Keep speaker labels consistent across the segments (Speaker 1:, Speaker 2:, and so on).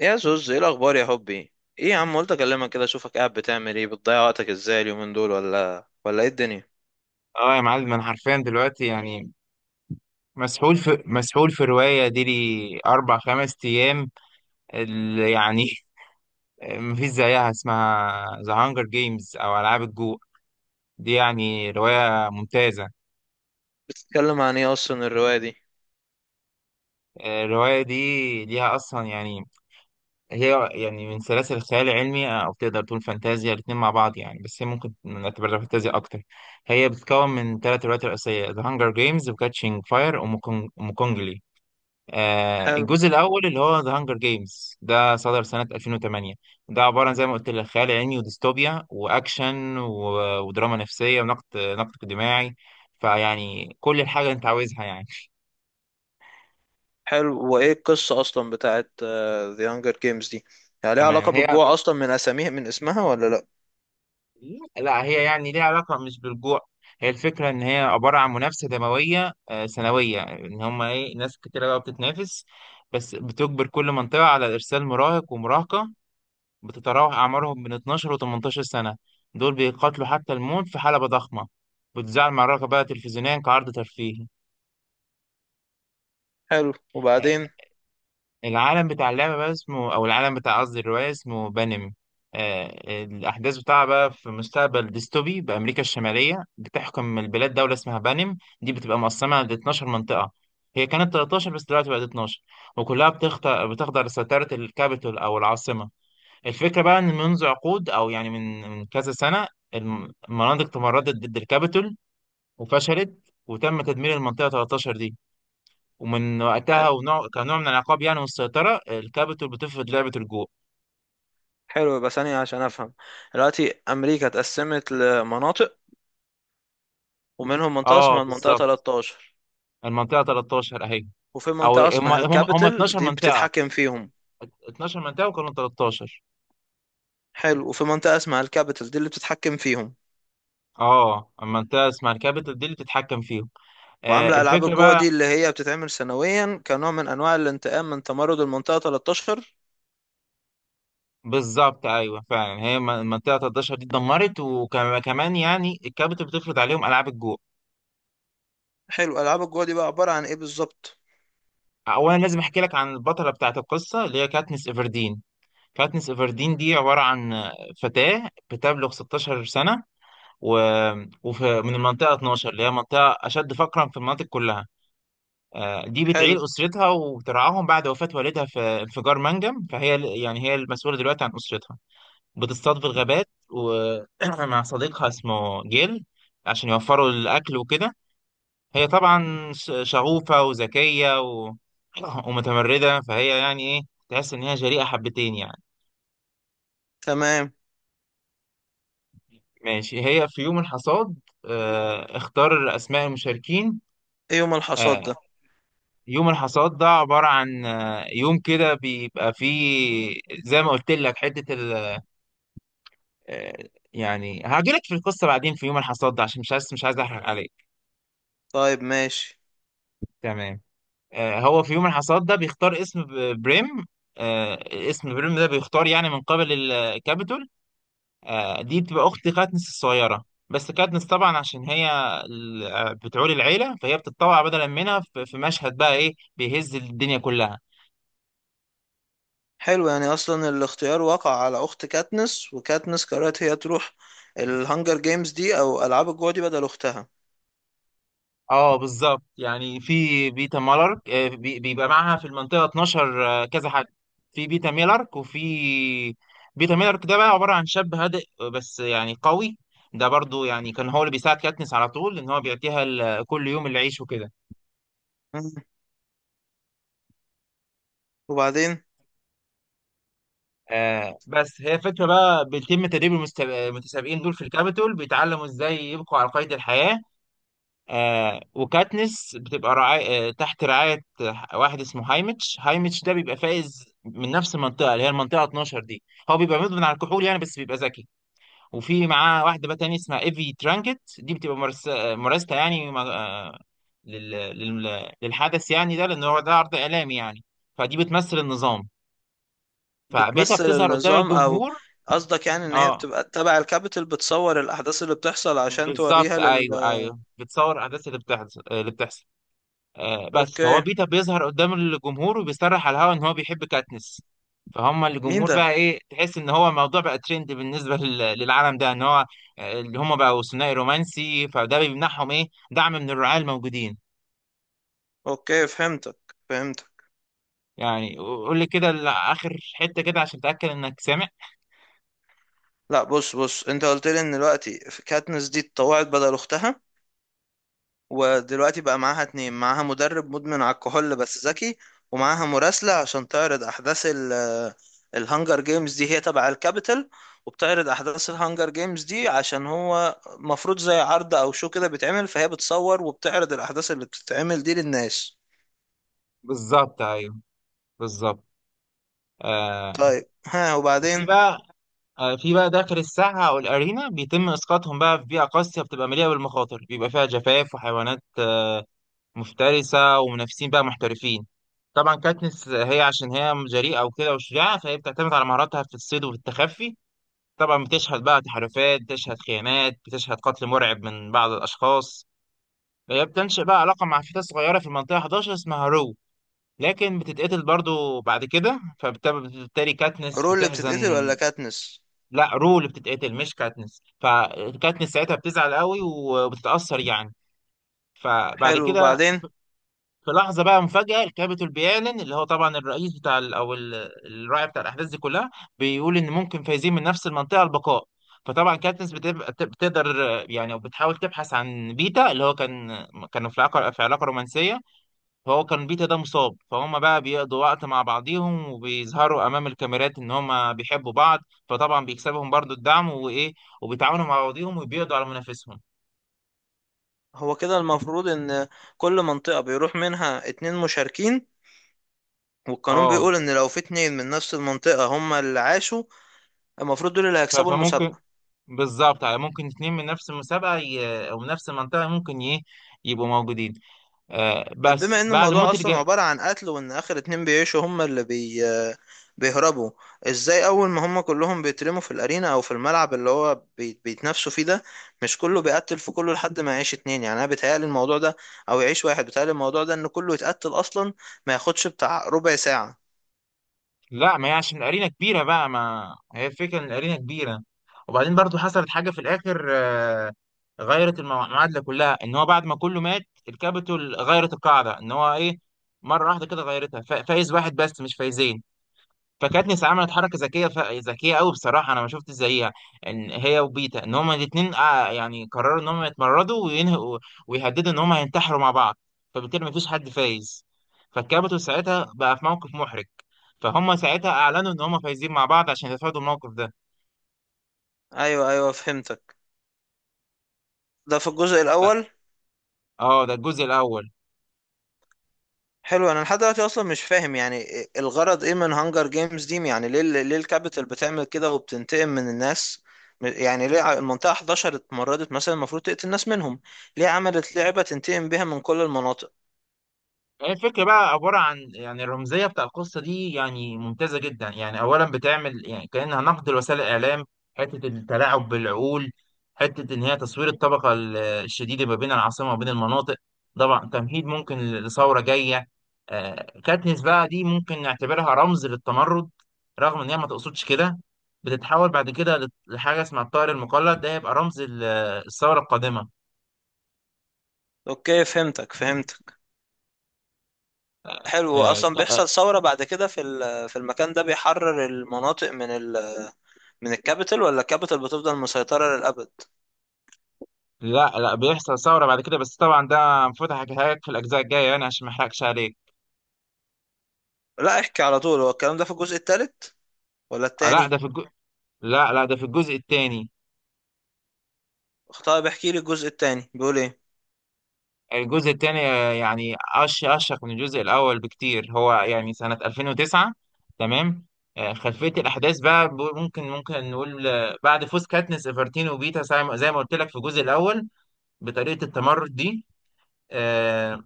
Speaker 1: يا زوز، ايه الاخبار يا حبي؟ ايه يا عم، قلت اكلمك كده اشوفك قاعد بتعمل ايه، بتضيع وقتك ازاي اليومين دول، ولا ايه الدنيا؟
Speaker 2: اه يا معلم، انا حرفيا دلوقتي يعني مسحول في رواية دي لي أربع خمس أيام. اللي يعني مفيش زيها، اسمها ذا هانجر جيمز أو ألعاب الجوع. دي يعني رواية ممتازة.
Speaker 1: بتتكلم عن ايه اصلا الرواية دي؟
Speaker 2: الرواية دي ليها أصلا يعني. هي يعني من سلاسل الخيال العلمي، أو تقدر تقول فانتازيا. الاتنين مع بعض يعني، بس هي ممكن نعتبرها فانتازيا أكتر. هي بتتكون من ثلاث روايات رئيسية: ذا هانجر جيمز، وكاتشينج فاير، وموكونجلي.
Speaker 1: حلو.
Speaker 2: الجزء الأول اللي هو ذا هانجر جيمز ده صدر سنة 2008. ده عبارة عن زي ما قلت لك خيال علمي وديستوبيا وأكشن ودراما نفسية ونقد اجتماعي. فيعني كل الحاجة اللي أنت عاوزها يعني.
Speaker 1: حلو، وايه القصة اصلا بتاعت The Hunger Games دي؟ يعني ليها
Speaker 2: تمام.
Speaker 1: علاقة
Speaker 2: هي،
Speaker 1: بالجوع اصلا من اساميها، من اسمها، ولا لا؟
Speaker 2: لا، هي يعني ليها علاقة مش بالجوع. هي الفكرة إن هي عبارة عن منافسة دموية سنوية، إن هما إيه ناس كتيرة بقى بتتنافس. بس بتجبر كل منطقة على إرسال مراهق ومراهقة، بتتراوح أعمارهم من 12 و 18 سنة. دول بيقاتلوا حتى الموت في حلبة ضخمة، بتذاع المعركة بقى تلفزيونيا كعرض ترفيهي.
Speaker 1: حلو، وبعدين؟
Speaker 2: العالم بتاع اللعبة بقى اسمه، أو العالم بتاع، قصدي الرواية، اسمه بانم. الأحداث بتاعها بقى في مستقبل ديستوبي بأمريكا الشمالية، بتحكم البلاد دولة اسمها بانم. دي بتبقى مقسمة ل 12 منطقة. هي كانت 13 بس دلوقتي بقت 12، وكلها بتخضع لسيطرة الكابيتول أو العاصمة. الفكرة بقى إن منذ عقود، أو يعني من كذا سنة، المناطق تمردت ضد الكابيتول وفشلت، وتم تدمير المنطقة 13 دي. ومن وقتها،
Speaker 1: حلو.
Speaker 2: ونوع كنوع من العقاب يعني والسيطرة، الكابيتول بتفرض لعبة الجو.
Speaker 1: حلو، يبقى ثانية عشان افهم. دلوقتي امريكا اتقسمت لمناطق، ومنهم منطقة
Speaker 2: اه
Speaker 1: اسمها المنطقة
Speaker 2: بالظبط.
Speaker 1: 13،
Speaker 2: المنطقة 13 أهي.
Speaker 1: وفي
Speaker 2: أو
Speaker 1: منطقة
Speaker 2: هم
Speaker 1: اسمها
Speaker 2: هم هم
Speaker 1: الكابيتال
Speaker 2: 12
Speaker 1: دي
Speaker 2: منطقة.
Speaker 1: بتتحكم فيهم.
Speaker 2: 12 منطقة وكانوا 13.
Speaker 1: حلو، وفي منطقة اسمها الكابيتال دي اللي بتتحكم فيهم،
Speaker 2: اه، المنطقة اسمها الكابيتول دي اللي بتتحكم فيهم.
Speaker 1: وعاملة ألعاب
Speaker 2: الفكرة
Speaker 1: الجوع
Speaker 2: بقى،
Speaker 1: دي اللي هي بتتعمل سنويا كنوع من أنواع الانتقام من تمرد المنطقة 13.
Speaker 2: بالظبط ايوه فعلا، هي منطقه 13 دي اتدمرت، وكمان يعني الكابت بتفرض عليهم العاب الجوع.
Speaker 1: حلو، ألعاب الجوع دي بقى عبارة عن إيه بالظبط؟
Speaker 2: اولا لازم احكي لك عن البطله بتاعت القصه اللي هي كاتنس ايفردين. كاتنس ايفردين دي عباره عن فتاه بتبلغ 16 سنه، و... ومن المنطقه 12 اللي هي منطقه اشد فقرا في المناطق كلها. دي
Speaker 1: حلو.
Speaker 2: بتعيل اسرتها وترعاهم بعد وفاه والدها في انفجار منجم، فهي يعني هي المسؤوله دلوقتي عن اسرتها. بتصطاد في الغابات ومع صديقها اسمه جيل، عشان يوفروا الأكل وكده. هي طبعا شغوفة وذكية ومتمردة، فهي يعني إيه، تحس إن هي جريئة حبتين يعني.
Speaker 1: تمام.
Speaker 2: ماشي. هي في يوم الحصاد اختار أسماء المشاركين.
Speaker 1: إيه يوم الحصاد
Speaker 2: آه،
Speaker 1: ده؟
Speaker 2: يوم الحصاد ده عبارة عن يوم كده بيبقى فيه زي ما قلت لك حتة ال... آه، يعني، هاجيلك في القصة بعدين، في يوم الحصاد ده، عشان مش عايز أحرق عليك.
Speaker 1: طيب، ماشي.
Speaker 2: تمام. هو في يوم الحصاد ده بيختار اسم بريم. آه، اسم بريم ده بيختار يعني من قبل الكابيتول. دي بتبقى أخت كاتنس الصغيرة. بس كاتنس طبعا عشان هي بتعول العيلة، فهي بتتطوع بدلا منها، في مشهد بقى إيه بيهز الدنيا كلها.
Speaker 1: حلو، يعني أصلا الاختيار وقع على أخت كاتنس، وكاتنس قررت هي تروح الهانجر جيمز دي أو ألعاب الجوع دي بدل أختها.
Speaker 2: اه بالظبط، يعني في بيتا مالارك، بيبقى معاها في المنطقة 12 كذا حاجة. في بيتا ميلارك وفي بيتا ميلارك ده بقى عبارة عن شاب هادئ، بس يعني قوي. ده برضو يعني كان هو اللي بيساعد كاتنس على طول، ان هو بيعطيها كل يوم العيش وكده.
Speaker 1: مم. وبعدين؟
Speaker 2: بس هي فكرة بقى بيتم تدريب المتسابقين دول في الكابيتول، بيتعلموا ازاي يبقوا على قيد الحياة. وكاتنس بتبقى رعاية آه تحت رعاية واحد اسمه هايمتش. ده بيبقى فايز من نفس المنطقة اللي هي المنطقة 12 دي. هو بيبقى مدمن على الكحول يعني، بس بيبقى ذكي. وفي معاه واحدة بقى تانية اسمها ايفي ترانكت. دي بتبقى مرستة يعني، للحدث يعني ده، لأن هو ده عرض إعلامي يعني. فدي بتمثل النظام، فبيتها
Speaker 1: بتمثل
Speaker 2: بتظهر قدام
Speaker 1: النظام، أو
Speaker 2: الجمهور.
Speaker 1: قصدك يعني إن هي
Speaker 2: اه
Speaker 1: بتبقى تبع الكابيتال بتصور الأحداث اللي بتحصل عشان
Speaker 2: بالظبط،
Speaker 1: توريها لل...
Speaker 2: ايوه ايوه، بتصور الاحداث اللي بتحصل بس فهو
Speaker 1: أوكي.
Speaker 2: بيتا بيظهر قدام الجمهور، وبيصرح على الهوا ان هو بيحب كاتنس. فهم
Speaker 1: مين
Speaker 2: الجمهور
Speaker 1: ده؟
Speaker 2: بقى، ايه، تحس ان هو الموضوع بقى ترند بالنسبه للعالم ده، ان هو اللي هم بقوا ثنائي رومانسي. فده بيمنحهم ايه دعم من الرعاة الموجودين.
Speaker 1: اوكي، فهمتك، فهمتك.
Speaker 2: يعني قول لي كده اخر حته كده عشان اتاكد انك سامع.
Speaker 1: لا بص، انت قلت لي ان دلوقتي في كاتنس دي اتطوعت بدل اختها، ودلوقتي بقى معاها اتنين: معاها مدرب مدمن على الكحول بس ذكي، ومعاها مراسلة عشان تعرض احداث ال... الهانجر جيمز دي هي تبع الكابيتال، وبتعرض احداث الهانجر جيمز دي عشان هو مفروض زي عرض او شو كده بيتعمل، فهي بتصور وبتعرض الاحداث اللي بتتعمل دي للناس.
Speaker 2: بالظبط ايوه بالظبط. آه
Speaker 1: طيب، ها،
Speaker 2: في
Speaker 1: وبعدين؟
Speaker 2: بقى في بقى داخل الساحه او الارينا، بيتم اسقاطهم بقى في بيئه قاسيه بتبقى مليئه بالمخاطر، بيبقى فيها جفاف وحيوانات مفترسة، ومنافسين بقى محترفين. طبعا كاتنس هي عشان هي جريئة وكده وشجاعة، فهي بتعتمد على مهاراتها في الصيد وفي التخفي. طبعا بتشهد بقى تحالفات، بتشهد خيانات، بتشهد قتل مرعب من بعض الأشخاص. هي بتنشئ بقى علاقة مع فتاة صغيرة في المنطقة 11 اسمها رو، لكن بتتقتل برضو بعد كده، فبالتالي كاتنس
Speaker 1: رول اللي بتتقتل
Speaker 2: بتحزن.
Speaker 1: ولا كاتنس؟
Speaker 2: لا، رو اللي بتتقتل مش كاتنس، فكاتنس ساعتها بتزعل قوي وبتتأثر يعني. فبعد
Speaker 1: حلو،
Speaker 2: كده،
Speaker 1: وبعدين؟
Speaker 2: في لحظة بقى مفاجأة، الكابيتول بيعلن، اللي هو طبعا الرئيس بتاع الراعي بتاع الأحداث دي كلها، بيقول إن ممكن فايزين من نفس المنطقة البقاء. فطبعا كاتنس بتبقى بتقدر يعني أو بتحاول تبحث عن بيتا، اللي هو كان، كانوا في علاقة رومانسية. فهو كان بيتا ده مصاب، فهم بقى بيقضوا وقت مع بعضيهم، وبيظهروا أمام الكاميرات إن هم بيحبوا بعض. فطبعا بيكسبهم برضو الدعم وإيه، وبيتعاونوا مع بعضيهم وبيقضوا على منافسهم.
Speaker 1: هو كده المفروض ان كل منطقة بيروح منها اتنين مشاركين، والقانون
Speaker 2: اه،
Speaker 1: بيقول ان لو في اتنين من نفس المنطقة هما اللي عاشوا، المفروض دول اللي هيكسبوا
Speaker 2: فممكن،
Speaker 1: المسابقة.
Speaker 2: بالظبط، على ممكن اتنين من نفس المسابقة أو من نفس المنطقة ممكن يبقوا موجودين.
Speaker 1: طب
Speaker 2: بس
Speaker 1: بما ان
Speaker 2: بعد
Speaker 1: الموضوع
Speaker 2: موت
Speaker 1: اصلا عبارة عن قتل، وان اخر اتنين بيعيشوا هما اللي بي... بيهربوا، ازاي اول ما هما كلهم بيترموا في الارينا او في الملعب اللي هو بي... بيتنافسوا فيه ده، مش كله بيقتل في كله لحد ما يعيش اتنين؟ يعني انا بيتهيألي الموضوع ده، او يعيش واحد بيتهيألي الموضوع ده، ان كله يتقتل اصلا ما ياخدش بتاع ربع ساعة.
Speaker 2: لا، ما هي عشان الأرينا كبيرة بقى، ما هي الفكرة إن الأرينا كبيرة. وبعدين برضو حصلت حاجة في الآخر غيرت المعادلة كلها، إن هو بعد ما كله مات، الكابيتول غيرت القاعدة، إن هو إيه، مرة واحدة كده غيرتها، فايز واحد بس مش فايزين. فكانت نسا عملت حركه ذكيه قوي، بصراحه انا ما شفت زيها، ان هي وبيتا، ان هما الاثنين يعني قرروا ان هما يتمردوا وينهوا، ويهددوا ان هما هينتحروا مع بعض. فبالتالي ما فيش حد فايز، فالكابتن ساعتها بقى في موقف محرج، فهم ساعتها اعلنوا ان هما فايزين مع بعض عشان يتفادوا الموقف ده.
Speaker 1: ايوه، ايوه فهمتك. ده في الجزء
Speaker 2: ف-
Speaker 1: الاول.
Speaker 2: اه ده الجزء الاول.
Speaker 1: حلو، انا لحد دلوقتي اصلا مش فاهم يعني الغرض ايه من هانجر جيمز دي؟ يعني ليه، الكابيتال بتعمل كده وبتنتقم من الناس؟ يعني ليه المنطقة 11 اتمردت مثلا المفروض تقتل الناس منهم، ليه عملت لعبة تنتقم بيها من كل المناطق؟
Speaker 2: هي الفكرة بقى عبارة عن يعني الرمزية بتاع القصة دي يعني ممتازة جدا يعني. أولا بتعمل يعني كأنها نقد لوسائل الإعلام، حتة التلاعب بالعقول، حتة إن هي تصوير الطبقة الشديدة ما بين العاصمة وبين المناطق. طبعا تمهيد ممكن لثورة جاية. كاتنس بقى دي ممكن نعتبرها رمز للتمرد، رغم إن هي ما تقصدش كده. بتتحول بعد كده لحاجة اسمها الطائر المقلد، ده هيبقى رمز الثورة القادمة.
Speaker 1: اوكي فهمتك، فهمتك. حلو،
Speaker 2: آه،
Speaker 1: اصلا بيحصل ثورة بعد كده في في المكان ده بيحرر المناطق من ال... من الكابيتال، ولا الكابيتال بتفضل مسيطرة للأبد؟
Speaker 2: لا لا، بيحصل ثورة بعد كده، بس طبعا ده المفروض احكيها لك في الأجزاء الجاية يعني، عشان ما احرقش عليك.
Speaker 1: لا احكي على طول، هو الكلام ده في الجزء الثالث ولا
Speaker 2: آه، لا ده
Speaker 1: الثاني؟
Speaker 2: في الجو... لا لا ده في الجزء الثاني.
Speaker 1: طيب احكي لي الجزء الثاني بيقول ايه.
Speaker 2: الجزء الثاني، يعني أشق من الجزء الأول بكتير، هو يعني سنة 2009. تمام. خلفية الأحداث بقى، ممكن نقول، بعد فوز كاتنس إيفرتين وبيتا، زي ما قلت لك في الجزء الأول، بطريقة التمرد دي، آه،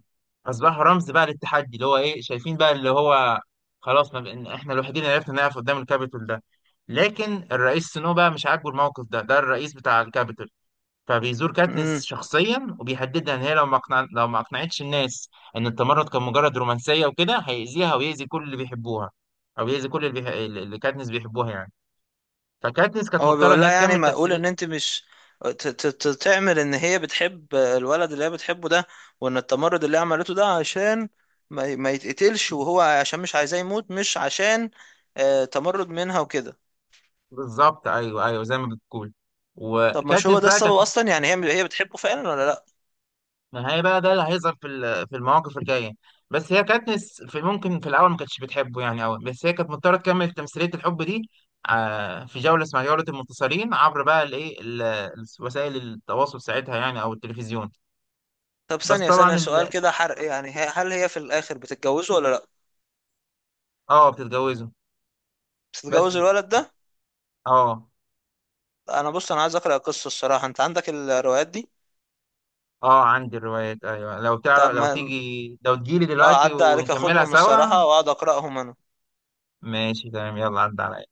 Speaker 2: اصبحوا رمز بقى للتحدي، اللي هو ايه، شايفين بقى، اللي هو خلاص ما بقى احنا الوحيدين اللي عرفنا نقف قدام الكابيتول ده. لكن الرئيس سنو بقى مش عاجبه الموقف ده، ده الرئيس بتاع الكابيتول. فبيزور كاتنس
Speaker 1: امم.
Speaker 2: شخصيا وبيهددها، ان هي لو ما اقنعتش الناس ان التمرد كان مجرد رومانسيه وكده، هيأذيها ويأذي كل اللي بيحبوها، او يأذي كل اللي كاتنس بيحبوها يعني. فكاتنس كانت
Speaker 1: هو
Speaker 2: مضطره
Speaker 1: بيقول
Speaker 2: ان هي
Speaker 1: لها يعني
Speaker 2: تكمل
Speaker 1: ما اقول
Speaker 2: تمثيل.
Speaker 1: ان انت مش تعمل ان هي بتحب الولد اللي هي بتحبه ده، وان التمرد اللي هي عملته ده عشان ما يتقتلش، وهو عشان مش عايزاه يموت، مش عشان تمرد منها وكده؟
Speaker 2: بالظبط ايوه ايوه، زي ما بتقول.
Speaker 1: طب مش هو
Speaker 2: وكاتنس
Speaker 1: ده
Speaker 2: بقى
Speaker 1: السبب
Speaker 2: كانت،
Speaker 1: اصلا؟ يعني هي بتحبه فعلا ولا لا؟
Speaker 2: نهائي بقى ده اللي هيظهر في في المواقف الجايه. بس هي كاتنس، في ممكن في الاول ما كانتش بتحبه يعني قوي، بس هي كانت مضطره تكمل تمثيليه الحب دي. في جوله اسمها جوله المنتصرين، عبر بقى الايه ال- إيه، ال- وسائل التواصل ساعتها يعني، او التلفزيون.
Speaker 1: طب
Speaker 2: بس
Speaker 1: ثانية، ثانية،
Speaker 2: طبعا
Speaker 1: سؤال كده حرق، يعني هل هي في الاخر بتتجوزه ولا لا؟
Speaker 2: اه بتتجوزه.
Speaker 1: بتتجوز
Speaker 2: بس،
Speaker 1: الولد ده؟
Speaker 2: اه
Speaker 1: انا بص، انا عايز اقرا القصة الصراحة، انت عندك الروايات دي؟
Speaker 2: اه، عندي الروايات، ايوه. لو
Speaker 1: طب
Speaker 2: تعرف، لو
Speaker 1: ما...
Speaker 2: تيجي، لو تجيلي
Speaker 1: اه
Speaker 2: دلوقتي
Speaker 1: عدى عليك
Speaker 2: ونكملها
Speaker 1: اخدهم
Speaker 2: سوا.
Speaker 1: الصراحة واقعد اقراهم انا.
Speaker 2: ماشي تمام، يلا عدى عليا.